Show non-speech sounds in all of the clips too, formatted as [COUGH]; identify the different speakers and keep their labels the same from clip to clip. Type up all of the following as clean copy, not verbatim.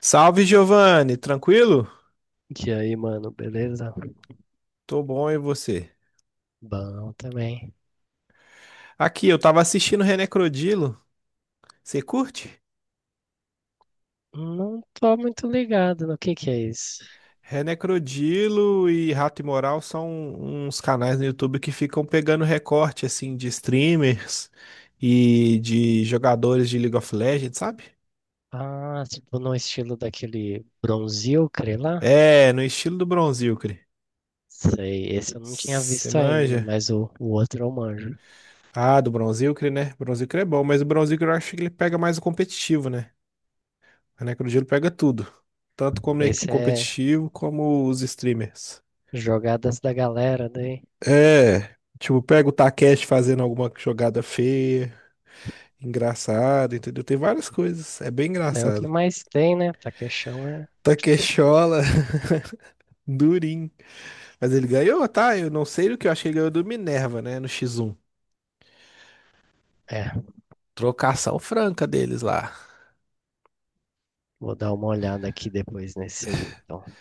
Speaker 1: Salve, Giovanni, tranquilo?
Speaker 2: E aí, mano, beleza?
Speaker 1: Tô bom, e você?
Speaker 2: Bom também.
Speaker 1: Aqui, eu tava assistindo René Crodilo. Você curte?
Speaker 2: Não tô muito ligado no que é isso.
Speaker 1: René Crodilo e Rato Imoral são uns canais no YouTube que ficam pegando recorte, assim, de streamers e de jogadores de League of Legends, sabe?
Speaker 2: Ah, tipo no estilo daquele Bronzil, crê lá?
Speaker 1: É, no estilo do Bronzilcre.
Speaker 2: Sei, esse eu não tinha
Speaker 1: Você
Speaker 2: visto ainda,
Speaker 1: manja?
Speaker 2: mas o outro eu manjo.
Speaker 1: Ah, do Bronzilcre, né? Bronzilcre é bom, mas o Bronzilcre eu acho que ele pega mais o competitivo, né? A Necrogelo pega tudo. Tanto como é
Speaker 2: Esse é
Speaker 1: competitivo, como os streamers.
Speaker 2: jogadas da galera daí.
Speaker 1: É, tipo, pega o Takeshi fazendo alguma jogada feia, engraçada, entendeu? Tem várias coisas. É bem
Speaker 2: É o que
Speaker 1: engraçado.
Speaker 2: mais tem, né? Taquechão é.
Speaker 1: Takeshola, [LAUGHS] durinho. Mas ele ganhou, tá? Eu não sei o que eu achei que ele ganhou do Minerva, né? No X1.
Speaker 2: É.
Speaker 1: Trocação franca deles lá. [LAUGHS]
Speaker 2: Vou dar uma olhada aqui depois nesse aí, então.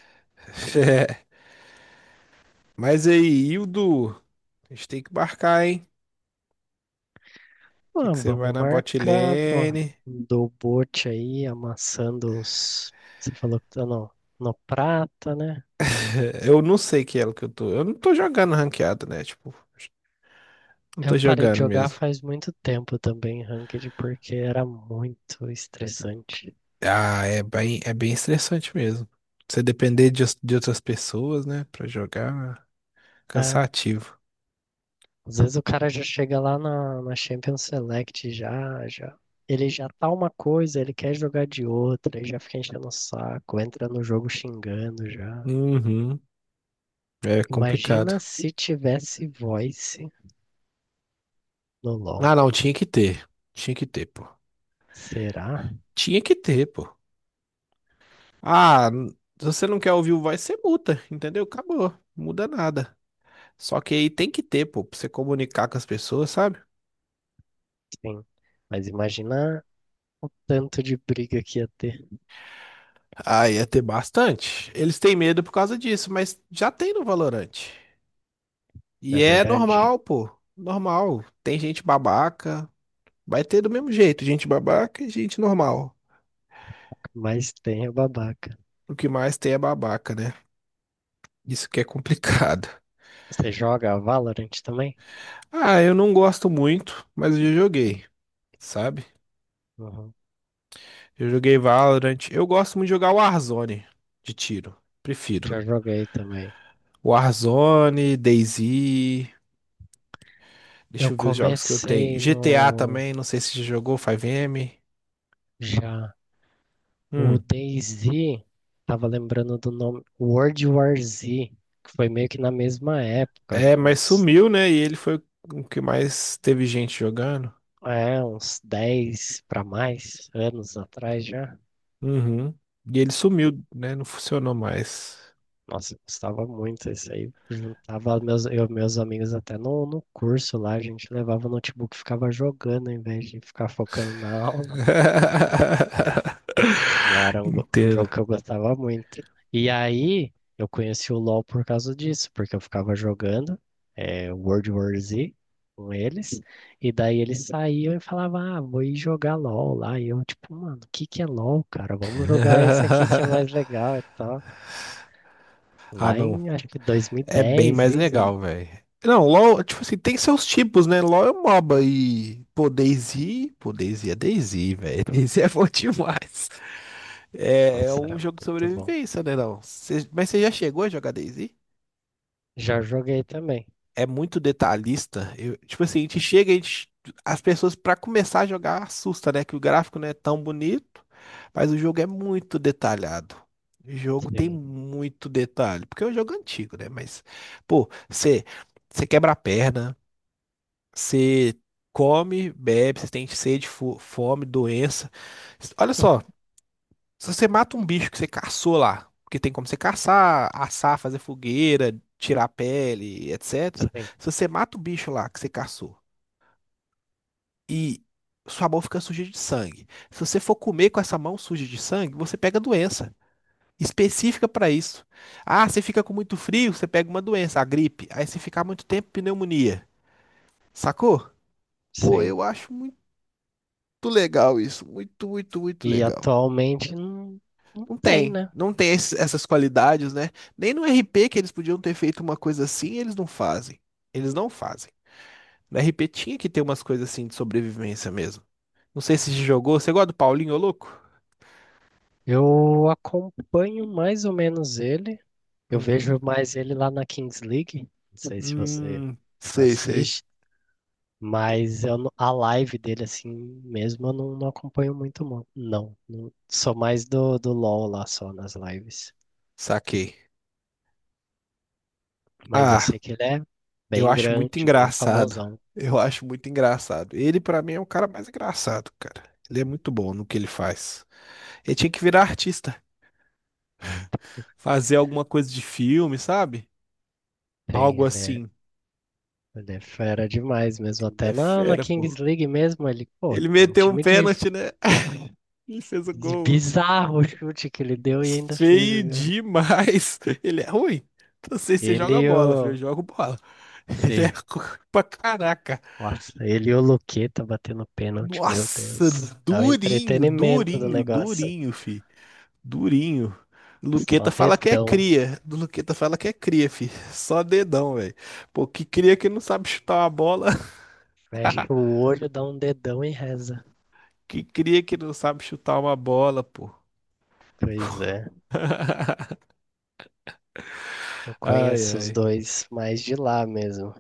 Speaker 1: É. Mas aí, Hildo, a gente tem que marcar, hein? Sei
Speaker 2: Ah,
Speaker 1: que você vai
Speaker 2: vamos
Speaker 1: na bot
Speaker 2: marcar, pô.
Speaker 1: lane.
Speaker 2: Do bote aí, amassando os. Você falou que tá no prata, né?
Speaker 1: É, eu não sei que elo que eu tô. Eu não tô jogando ranqueado, né? Tipo, não
Speaker 2: Eu
Speaker 1: tô
Speaker 2: parei de
Speaker 1: jogando
Speaker 2: jogar
Speaker 1: mesmo.
Speaker 2: faz muito tempo também, Ranked, porque era muito estressante.
Speaker 1: Ah, é bem estressante mesmo. Você depender de outras pessoas, né? Pra jogar,
Speaker 2: É,
Speaker 1: cansativo.
Speaker 2: às vezes o cara já chega lá na Champions Select, já. Ele já tá uma coisa, ele quer jogar de outra, e já fica enchendo o saco, entra no jogo xingando já.
Speaker 1: Uhum. É
Speaker 2: Imagina
Speaker 1: complicado.
Speaker 2: se tivesse voice no
Speaker 1: Ah,
Speaker 2: LoL.
Speaker 1: não, tinha que ter. Tinha que ter, pô.
Speaker 2: Será?
Speaker 1: Tinha que ter, pô. Ah, n- se você não quer ouvir o voz, você muta, entendeu? Acabou. Não muda nada. Só que aí tem que ter, pô, pra você comunicar com as pessoas, sabe?
Speaker 2: Sim. Mas imagina tanto de briga que ia ter,
Speaker 1: Ah, ia ter bastante. Eles têm medo por causa disso, mas já tem no Valorante.
Speaker 2: não
Speaker 1: E
Speaker 2: é
Speaker 1: é
Speaker 2: verdade?
Speaker 1: normal, pô. Normal. Tem gente babaca. Vai ter do mesmo jeito, gente babaca e gente normal.
Speaker 2: Mas tem o babaca.
Speaker 1: O que mais tem é babaca, né? Isso que é complicado. [LAUGHS]
Speaker 2: Você joga Valorant também?
Speaker 1: Ah, eu não gosto muito, mas eu já joguei, sabe?
Speaker 2: Uhum.
Speaker 1: Eu joguei Valorant. Eu gosto muito de jogar Warzone de tiro. Prefiro.
Speaker 2: Já joguei também.
Speaker 1: Warzone, DayZ.
Speaker 2: Eu
Speaker 1: Deixa eu ver os jogos que eu tenho.
Speaker 2: comecei
Speaker 1: GTA
Speaker 2: no.
Speaker 1: também, não sei se já jogou, 5M.
Speaker 2: Já. O
Speaker 1: Hum.
Speaker 2: DayZ, tava lembrando do nome. World War Z, que foi meio que na mesma época, acho
Speaker 1: É,
Speaker 2: que
Speaker 1: mas
Speaker 2: uns.
Speaker 1: sumiu, né? E ele foi o que mais teve gente jogando.
Speaker 2: É, uns 10 para mais anos atrás já.
Speaker 1: Uhum. E ele sumiu, né? Não funcionou mais.
Speaker 2: Nossa, eu gostava muito isso aí. Juntava meus, eu, e meus amigos até no curso lá, a gente levava o notebook e ficava jogando em vez de ficar focando na [LAUGHS] aula. Mas era
Speaker 1: [LAUGHS]
Speaker 2: um, um
Speaker 1: Inteiro.
Speaker 2: jogo que eu gostava muito. E aí eu conheci o LoL por causa disso, porque eu ficava jogando World War Z com eles, e daí eles saíam e falavam, ah, vou ir jogar LoL lá. E eu, tipo, mano, o que é LoL, cara? Vamos jogar esse aqui que é
Speaker 1: [LAUGHS]
Speaker 2: mais legal e tal.
Speaker 1: Ah,
Speaker 2: Lá
Speaker 1: não.
Speaker 2: em, acho que
Speaker 1: É bem
Speaker 2: 2010,
Speaker 1: mais
Speaker 2: isso.
Speaker 1: legal, velho. Não, LOL, tipo assim, tem seus tipos, né? LOL é um MOBA e. Pô, DayZ. Pô, DayZ é DayZ, velho. [LAUGHS] DayZ é bom demais. É, é
Speaker 2: Nossa,
Speaker 1: um
Speaker 2: era
Speaker 1: jogo de
Speaker 2: muito bom.
Speaker 1: sobrevivência, né, não? Cê- mas você já chegou a jogar DayZ?
Speaker 2: Já joguei também.
Speaker 1: É muito detalhista. Eu- tipo assim, a gente chega, a gente, as pessoas pra começar a jogar assusta, né? Que o gráfico não é tão bonito, mas o jogo é muito detalhado. O jogo tem
Speaker 2: Sim,
Speaker 1: muito detalhe, porque é um jogo antigo, né? Mas, pô, você quebra a perna, você come, bebe, você tem sede, fo- fome, doença. Olha só. Se você mata um bicho que você caçou lá, porque tem como você caçar, assar, fazer fogueira, tirar a pele, etc.
Speaker 2: sim,
Speaker 1: Se você mata o bicho lá que você caçou e sua mão fica suja de sangue, se você for comer com essa mão suja de sangue, você pega doença específica para isso. Ah, você fica com muito frio, você pega uma doença, a gripe. Aí se ficar muito tempo, pneumonia. Sacou? Pô,
Speaker 2: sim.
Speaker 1: eu acho muito legal isso, muito, muito, muito
Speaker 2: E
Speaker 1: legal.
Speaker 2: atualmente não, não
Speaker 1: Não
Speaker 2: tem,
Speaker 1: tem,
Speaker 2: né?
Speaker 1: não tem esse- essas qualidades, né? Nem no RP que eles podiam ter feito uma coisa assim, eles não fazem. Eles não fazem. No RP tinha que ter umas coisas assim de sobrevivência mesmo. Não sei se você jogou. Você gosta do Paulinho, ô louco?
Speaker 2: Eu acompanho mais ou menos ele. Eu
Speaker 1: Uhum.
Speaker 2: vejo mais ele lá na Kings League. Não sei se você
Speaker 1: Sei, sei.
Speaker 2: assiste, mas eu, a live dele, assim mesmo, eu não, não acompanho muito, Sou mais do LoL lá só nas lives.
Speaker 1: Saquei.
Speaker 2: Mas eu
Speaker 1: Ah,
Speaker 2: sei que ele é
Speaker 1: eu
Speaker 2: bem
Speaker 1: acho muito
Speaker 2: grande, bem
Speaker 1: engraçado.
Speaker 2: famosão.
Speaker 1: Eu acho muito engraçado. Ele, pra mim, é o cara mais engraçado, cara. Ele é muito bom no que ele faz. Ele tinha que virar artista. Fazer alguma coisa de filme, sabe?
Speaker 2: Tem,
Speaker 1: Algo
Speaker 2: ele é.
Speaker 1: assim.
Speaker 2: Ele é fera demais mesmo,
Speaker 1: Ele
Speaker 2: até
Speaker 1: é
Speaker 2: na
Speaker 1: fera, pô.
Speaker 2: Kings League mesmo, ele, pô,
Speaker 1: Ele
Speaker 2: é um
Speaker 1: meteu um
Speaker 2: time
Speaker 1: pênalti, né? [LAUGHS] Ele fez o
Speaker 2: de
Speaker 1: gol.
Speaker 2: bizarro o chute que ele deu e ainda fez o
Speaker 1: Feio
Speaker 2: gol.
Speaker 1: demais. Ele é ruim. Não sei se você joga
Speaker 2: Ele e
Speaker 1: bola, filho. Eu
Speaker 2: o...
Speaker 1: jogo bola. Ele é
Speaker 2: Sim,
Speaker 1: ruim pra caraca.
Speaker 2: nossa, ele e o Luqueta batendo pênalti, meu
Speaker 1: Nossa,
Speaker 2: Deus. É o
Speaker 1: durinho,
Speaker 2: entretenimento do
Speaker 1: durinho,
Speaker 2: negócio.
Speaker 1: durinho, fi. Durinho. Luqueta
Speaker 2: Só
Speaker 1: fala que é
Speaker 2: dedão.
Speaker 1: cria. Luqueta fala que é cria, fi. Só dedão, velho. Pô, que cria que não sabe chutar uma bola.
Speaker 2: Fecha
Speaker 1: [LAUGHS]
Speaker 2: o olho, dá um dedão e reza.
Speaker 1: Que cria que não sabe chutar uma bola, pô.
Speaker 2: Pois é,
Speaker 1: [LAUGHS]
Speaker 2: eu
Speaker 1: Ai,
Speaker 2: conheço os
Speaker 1: ai.
Speaker 2: dois mais de lá mesmo.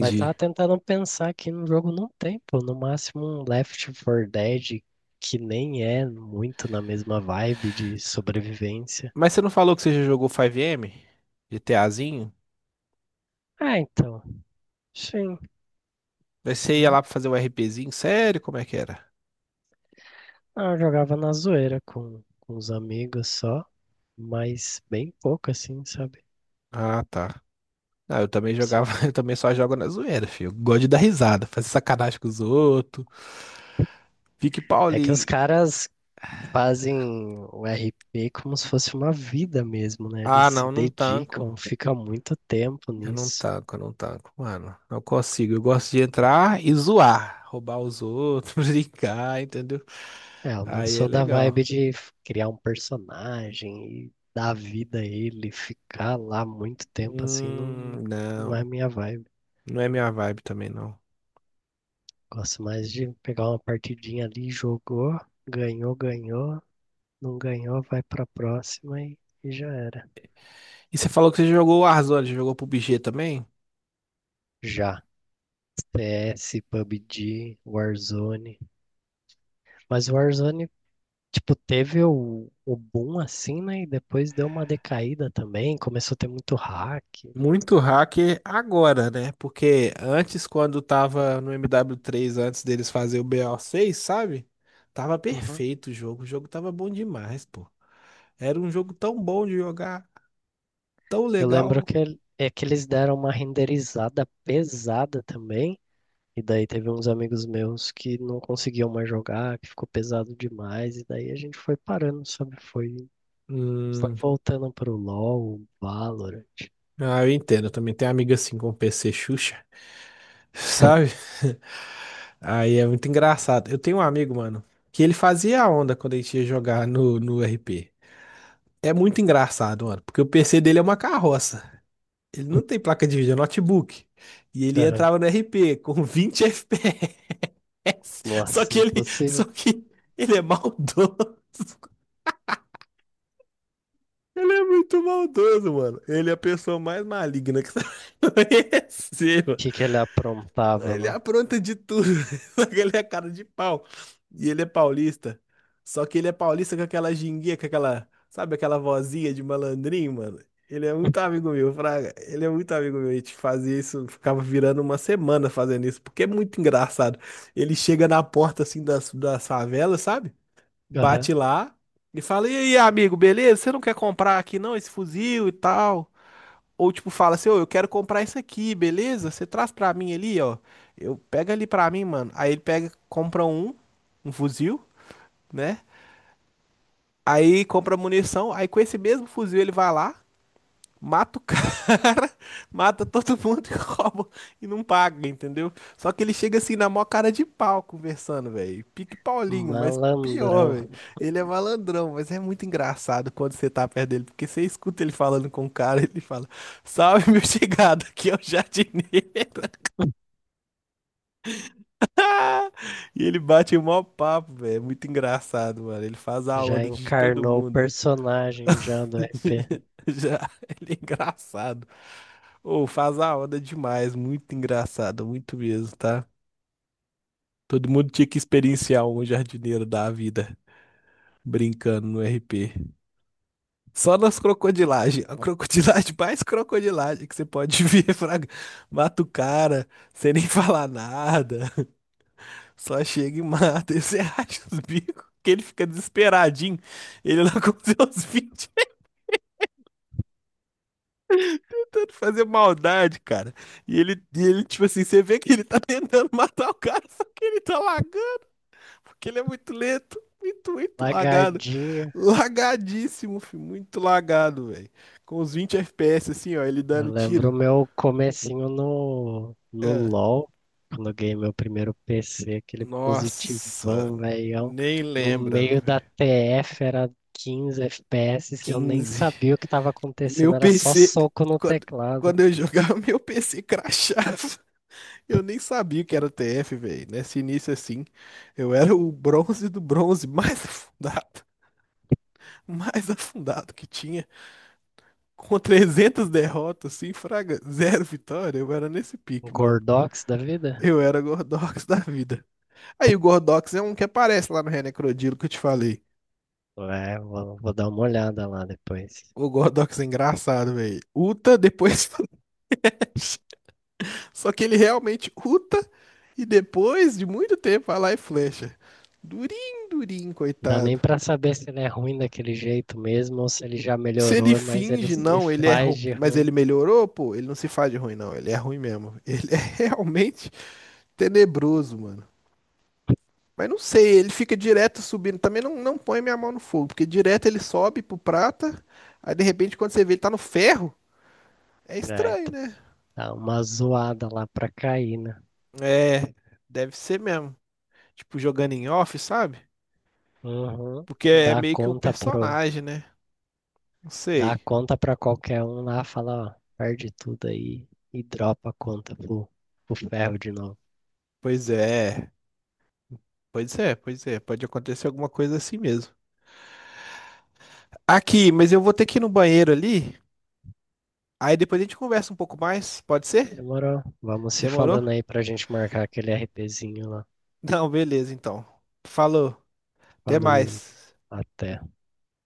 Speaker 2: Mas tava tentando pensar que no jogo não tem, pô. No máximo um Left 4 Dead que nem é muito na mesma vibe de sobrevivência.
Speaker 1: Mas você não falou que você já jogou 5M? GTAzinho?
Speaker 2: Ah, então. Sim.
Speaker 1: Daí você ia
Speaker 2: Não,
Speaker 1: lá pra fazer o RPzinho? Sério? Como é que era?
Speaker 2: ah, eu jogava na zoeira com os amigos só, mas bem pouco assim, sabe?
Speaker 1: Ah, tá. Ah, eu também jogava,
Speaker 2: Só.
Speaker 1: [LAUGHS] eu também só jogo na zoeira, filho. Eu gosto de dar risada, fazer sacanagem com os outros. Fique
Speaker 2: É que os
Speaker 1: Paulinho.
Speaker 2: caras fazem o RP como se fosse uma vida mesmo, né?
Speaker 1: Ah,
Speaker 2: Eles se
Speaker 1: não, não
Speaker 2: dedicam,
Speaker 1: tanco.
Speaker 2: fica muito tempo
Speaker 1: Eu não
Speaker 2: nisso.
Speaker 1: tanco, eu não tanco, mano. Não consigo. Eu gosto de entrar e zoar, roubar os outros, [LAUGHS] brincar, entendeu?
Speaker 2: É, eu não
Speaker 1: Aí é
Speaker 2: sou da
Speaker 1: legal.
Speaker 2: vibe de criar um personagem e dar vida a ele, ficar lá muito tempo assim, não, não é
Speaker 1: Não.
Speaker 2: minha vibe.
Speaker 1: Não é minha vibe também, não.
Speaker 2: Gosto mais de pegar uma partidinha ali, jogou, ganhou, não ganhou, vai pra próxima e já era.
Speaker 1: E você falou que você jogou Warzone, jogou PUBG também?
Speaker 2: Já. CS, PUBG, Warzone. Mas o Warzone, tipo, teve o boom assim, né? E depois deu uma decaída também, começou a ter muito hack.
Speaker 1: Muito hacker agora, né? Porque antes, quando tava no MW3, antes deles fazer o BO6, sabe? Tava
Speaker 2: Uhum.
Speaker 1: perfeito o jogo tava bom demais, pô. Era um jogo tão bom de jogar, tão
Speaker 2: Eu lembro
Speaker 1: legal.
Speaker 2: que, é que eles deram uma renderizada pesada também, e daí teve uns amigos meus que não conseguiam mais jogar, que ficou pesado demais, e daí a gente foi parando, sabe? Foi, foi
Speaker 1: Hum,
Speaker 2: voltando pro LoL, Valorant.
Speaker 1: ah, eu entendo, eu também tenho amiga assim com PC Xuxa, sabe? [LAUGHS] Aí é muito engraçado. Eu tenho um amigo, mano, que ele fazia a onda quando a gente ia jogar no RP. É muito engraçado, mano, porque o PC dele é uma carroça. Ele não tem placa de vídeo, é notebook. E ele
Speaker 2: Aham.
Speaker 1: entrava no RP com [LAUGHS] 20 FPS. Só
Speaker 2: Nossa,
Speaker 1: que ele,
Speaker 2: impossível.
Speaker 1: só
Speaker 2: O
Speaker 1: que ele é maldoso. Ele é muito maldoso, mano. Ele é a pessoa mais maligna que você [LAUGHS] vai conhecer.
Speaker 2: que que ele aprontava
Speaker 1: Ele
Speaker 2: lá?
Speaker 1: apronta de tudo. [LAUGHS] Só que ele é cara de pau. E ele é paulista. Só que ele é paulista com aquela ginguinha, com aquela, sabe, aquela vozinha de malandrinho, mano. Ele é muito amigo meu, Fraga. Ele é muito amigo meu. A gente fazia isso, ficava virando uma semana fazendo isso, porque é muito engraçado. Ele chega na porta assim das favelas, sabe?
Speaker 2: Aham.
Speaker 1: Bate lá e fala: E aí, amigo, beleza? Você não quer comprar aqui não esse fuzil e tal? Ou tipo, fala assim, ô, eu quero comprar isso aqui, beleza? Você traz pra mim ali, ó. Eu pega ali pra mim, mano. Aí ele pega, compra um fuzil, né? Aí compra munição. Aí com esse mesmo fuzil ele vai lá, mata o cara, [LAUGHS] mata todo mundo e [LAUGHS] rouba e não paga, entendeu? Só que ele chega assim na maior cara de pau conversando, velho. Pique Paulinho, mas
Speaker 2: Malandrão.
Speaker 1: pior, velho. Ele é malandrão, mas é muito engraçado quando você tá perto dele, porque você escuta ele falando com o cara, ele fala: "Salve, meu chegado, aqui é o jardineiro". [LAUGHS] E ele bate o maior papo, velho. É muito engraçado, mano. Ele faz a
Speaker 2: Já
Speaker 1: onda de todo
Speaker 2: encarnou o
Speaker 1: mundo.
Speaker 2: personagem já do RP.
Speaker 1: [LAUGHS] Já, ele é engraçado. Ou faz a hora demais, muito engraçado, muito mesmo, tá? Todo mundo tinha que experienciar um jardineiro da vida brincando no RP. Só nas crocodilagens. A crocodilagem mais crocodilagem que você pode [LAUGHS] ver, fraga. Mata o cara sem nem falar nada. Só chega e mata. E você [LAUGHS] acha os bicos que ele fica desesperadinho. Ele lá com seus 20 tentando fazer maldade, cara. E ele, tipo assim, você vê que ele tá [LAUGHS] tentando matar o cara, só que ele tá lagando, porque ele é muito lento. Muito, muito lagado.
Speaker 2: Lagardinho.
Speaker 1: Lagadíssimo, filho. Muito lagado, velho. Com os 20 FPS, assim, ó, ele
Speaker 2: Eu
Speaker 1: dando
Speaker 2: lembro o
Speaker 1: tiro.
Speaker 2: meu comecinho no
Speaker 1: É.
Speaker 2: LoL, quando eu ganhei meu primeiro PC, aquele
Speaker 1: Nossa,
Speaker 2: positivão, velhão.
Speaker 1: nem
Speaker 2: No
Speaker 1: lembra,
Speaker 2: meio da
Speaker 1: velho.
Speaker 2: TF era 15 FPS, eu nem
Speaker 1: 15.
Speaker 2: sabia o que estava
Speaker 1: Meu
Speaker 2: acontecendo, era só
Speaker 1: PC.
Speaker 2: soco no
Speaker 1: Quando,
Speaker 2: teclado.
Speaker 1: quando eu jogava, [LAUGHS] meu PC crashava. Eu nem sabia o que era TF, velho. Nesse início assim, eu era o bronze do bronze mais [LAUGHS] afundado, mais afundado que tinha, com 300 derrotas, assim, fraga, zero vitória. Eu era nesse pique, mano.
Speaker 2: Gordox da vida?
Speaker 1: Eu era Gordox [LAUGHS] da vida. Aí o Gordox é um que aparece lá no Renecrodilo que eu te falei.
Speaker 2: É, vou, vou dar uma olhada lá depois.
Speaker 1: O Gordox é engraçado, velho. Uta, depois. [LAUGHS] Só que ele realmente uta e depois de muito tempo vai lá e flecha. Durinho, durinho,
Speaker 2: Não dá nem
Speaker 1: coitado.
Speaker 2: pra saber se ele é ruim daquele jeito mesmo ou se ele já
Speaker 1: Se ele
Speaker 2: melhorou, mas ele
Speaker 1: finge,
Speaker 2: se
Speaker 1: não, ele é ruim.
Speaker 2: faz de
Speaker 1: Mas ele
Speaker 2: ruim.
Speaker 1: melhorou, pô. Ele não se faz de ruim, não. Ele é ruim mesmo. Ele é [LAUGHS] realmente tenebroso, mano. Mas não sei, ele fica direto subindo. Também não, não põe minha mão no fogo, porque direto ele sobe pro prata. Aí de repente, quando você vê, ele tá no ferro. É
Speaker 2: É,
Speaker 1: estranho,
Speaker 2: então,
Speaker 1: né?
Speaker 2: dá uma zoada lá pra cair, né?
Speaker 1: É, deve ser mesmo. Tipo, jogando em off, sabe?
Speaker 2: Uhum.
Speaker 1: Porque é
Speaker 2: Dá
Speaker 1: meio que o
Speaker 2: conta pro,
Speaker 1: personagem, né? Não
Speaker 2: dá
Speaker 1: sei.
Speaker 2: conta pra qualquer um lá, fala, ó, perde tudo aí e dropa a conta pro, pro ferro de novo.
Speaker 1: Pois é. Pois é, pois é. Pode acontecer alguma coisa assim mesmo. Aqui, mas eu vou ter que ir no banheiro ali. Aí depois a gente conversa um pouco mais, pode ser?
Speaker 2: Demorou? Vamos se
Speaker 1: Demorou?
Speaker 2: falando aí pra gente marcar aquele RPzinho lá.
Speaker 1: [LAUGHS] Não, beleza, então. Falou, até
Speaker 2: Falou,
Speaker 1: mais.
Speaker 2: até.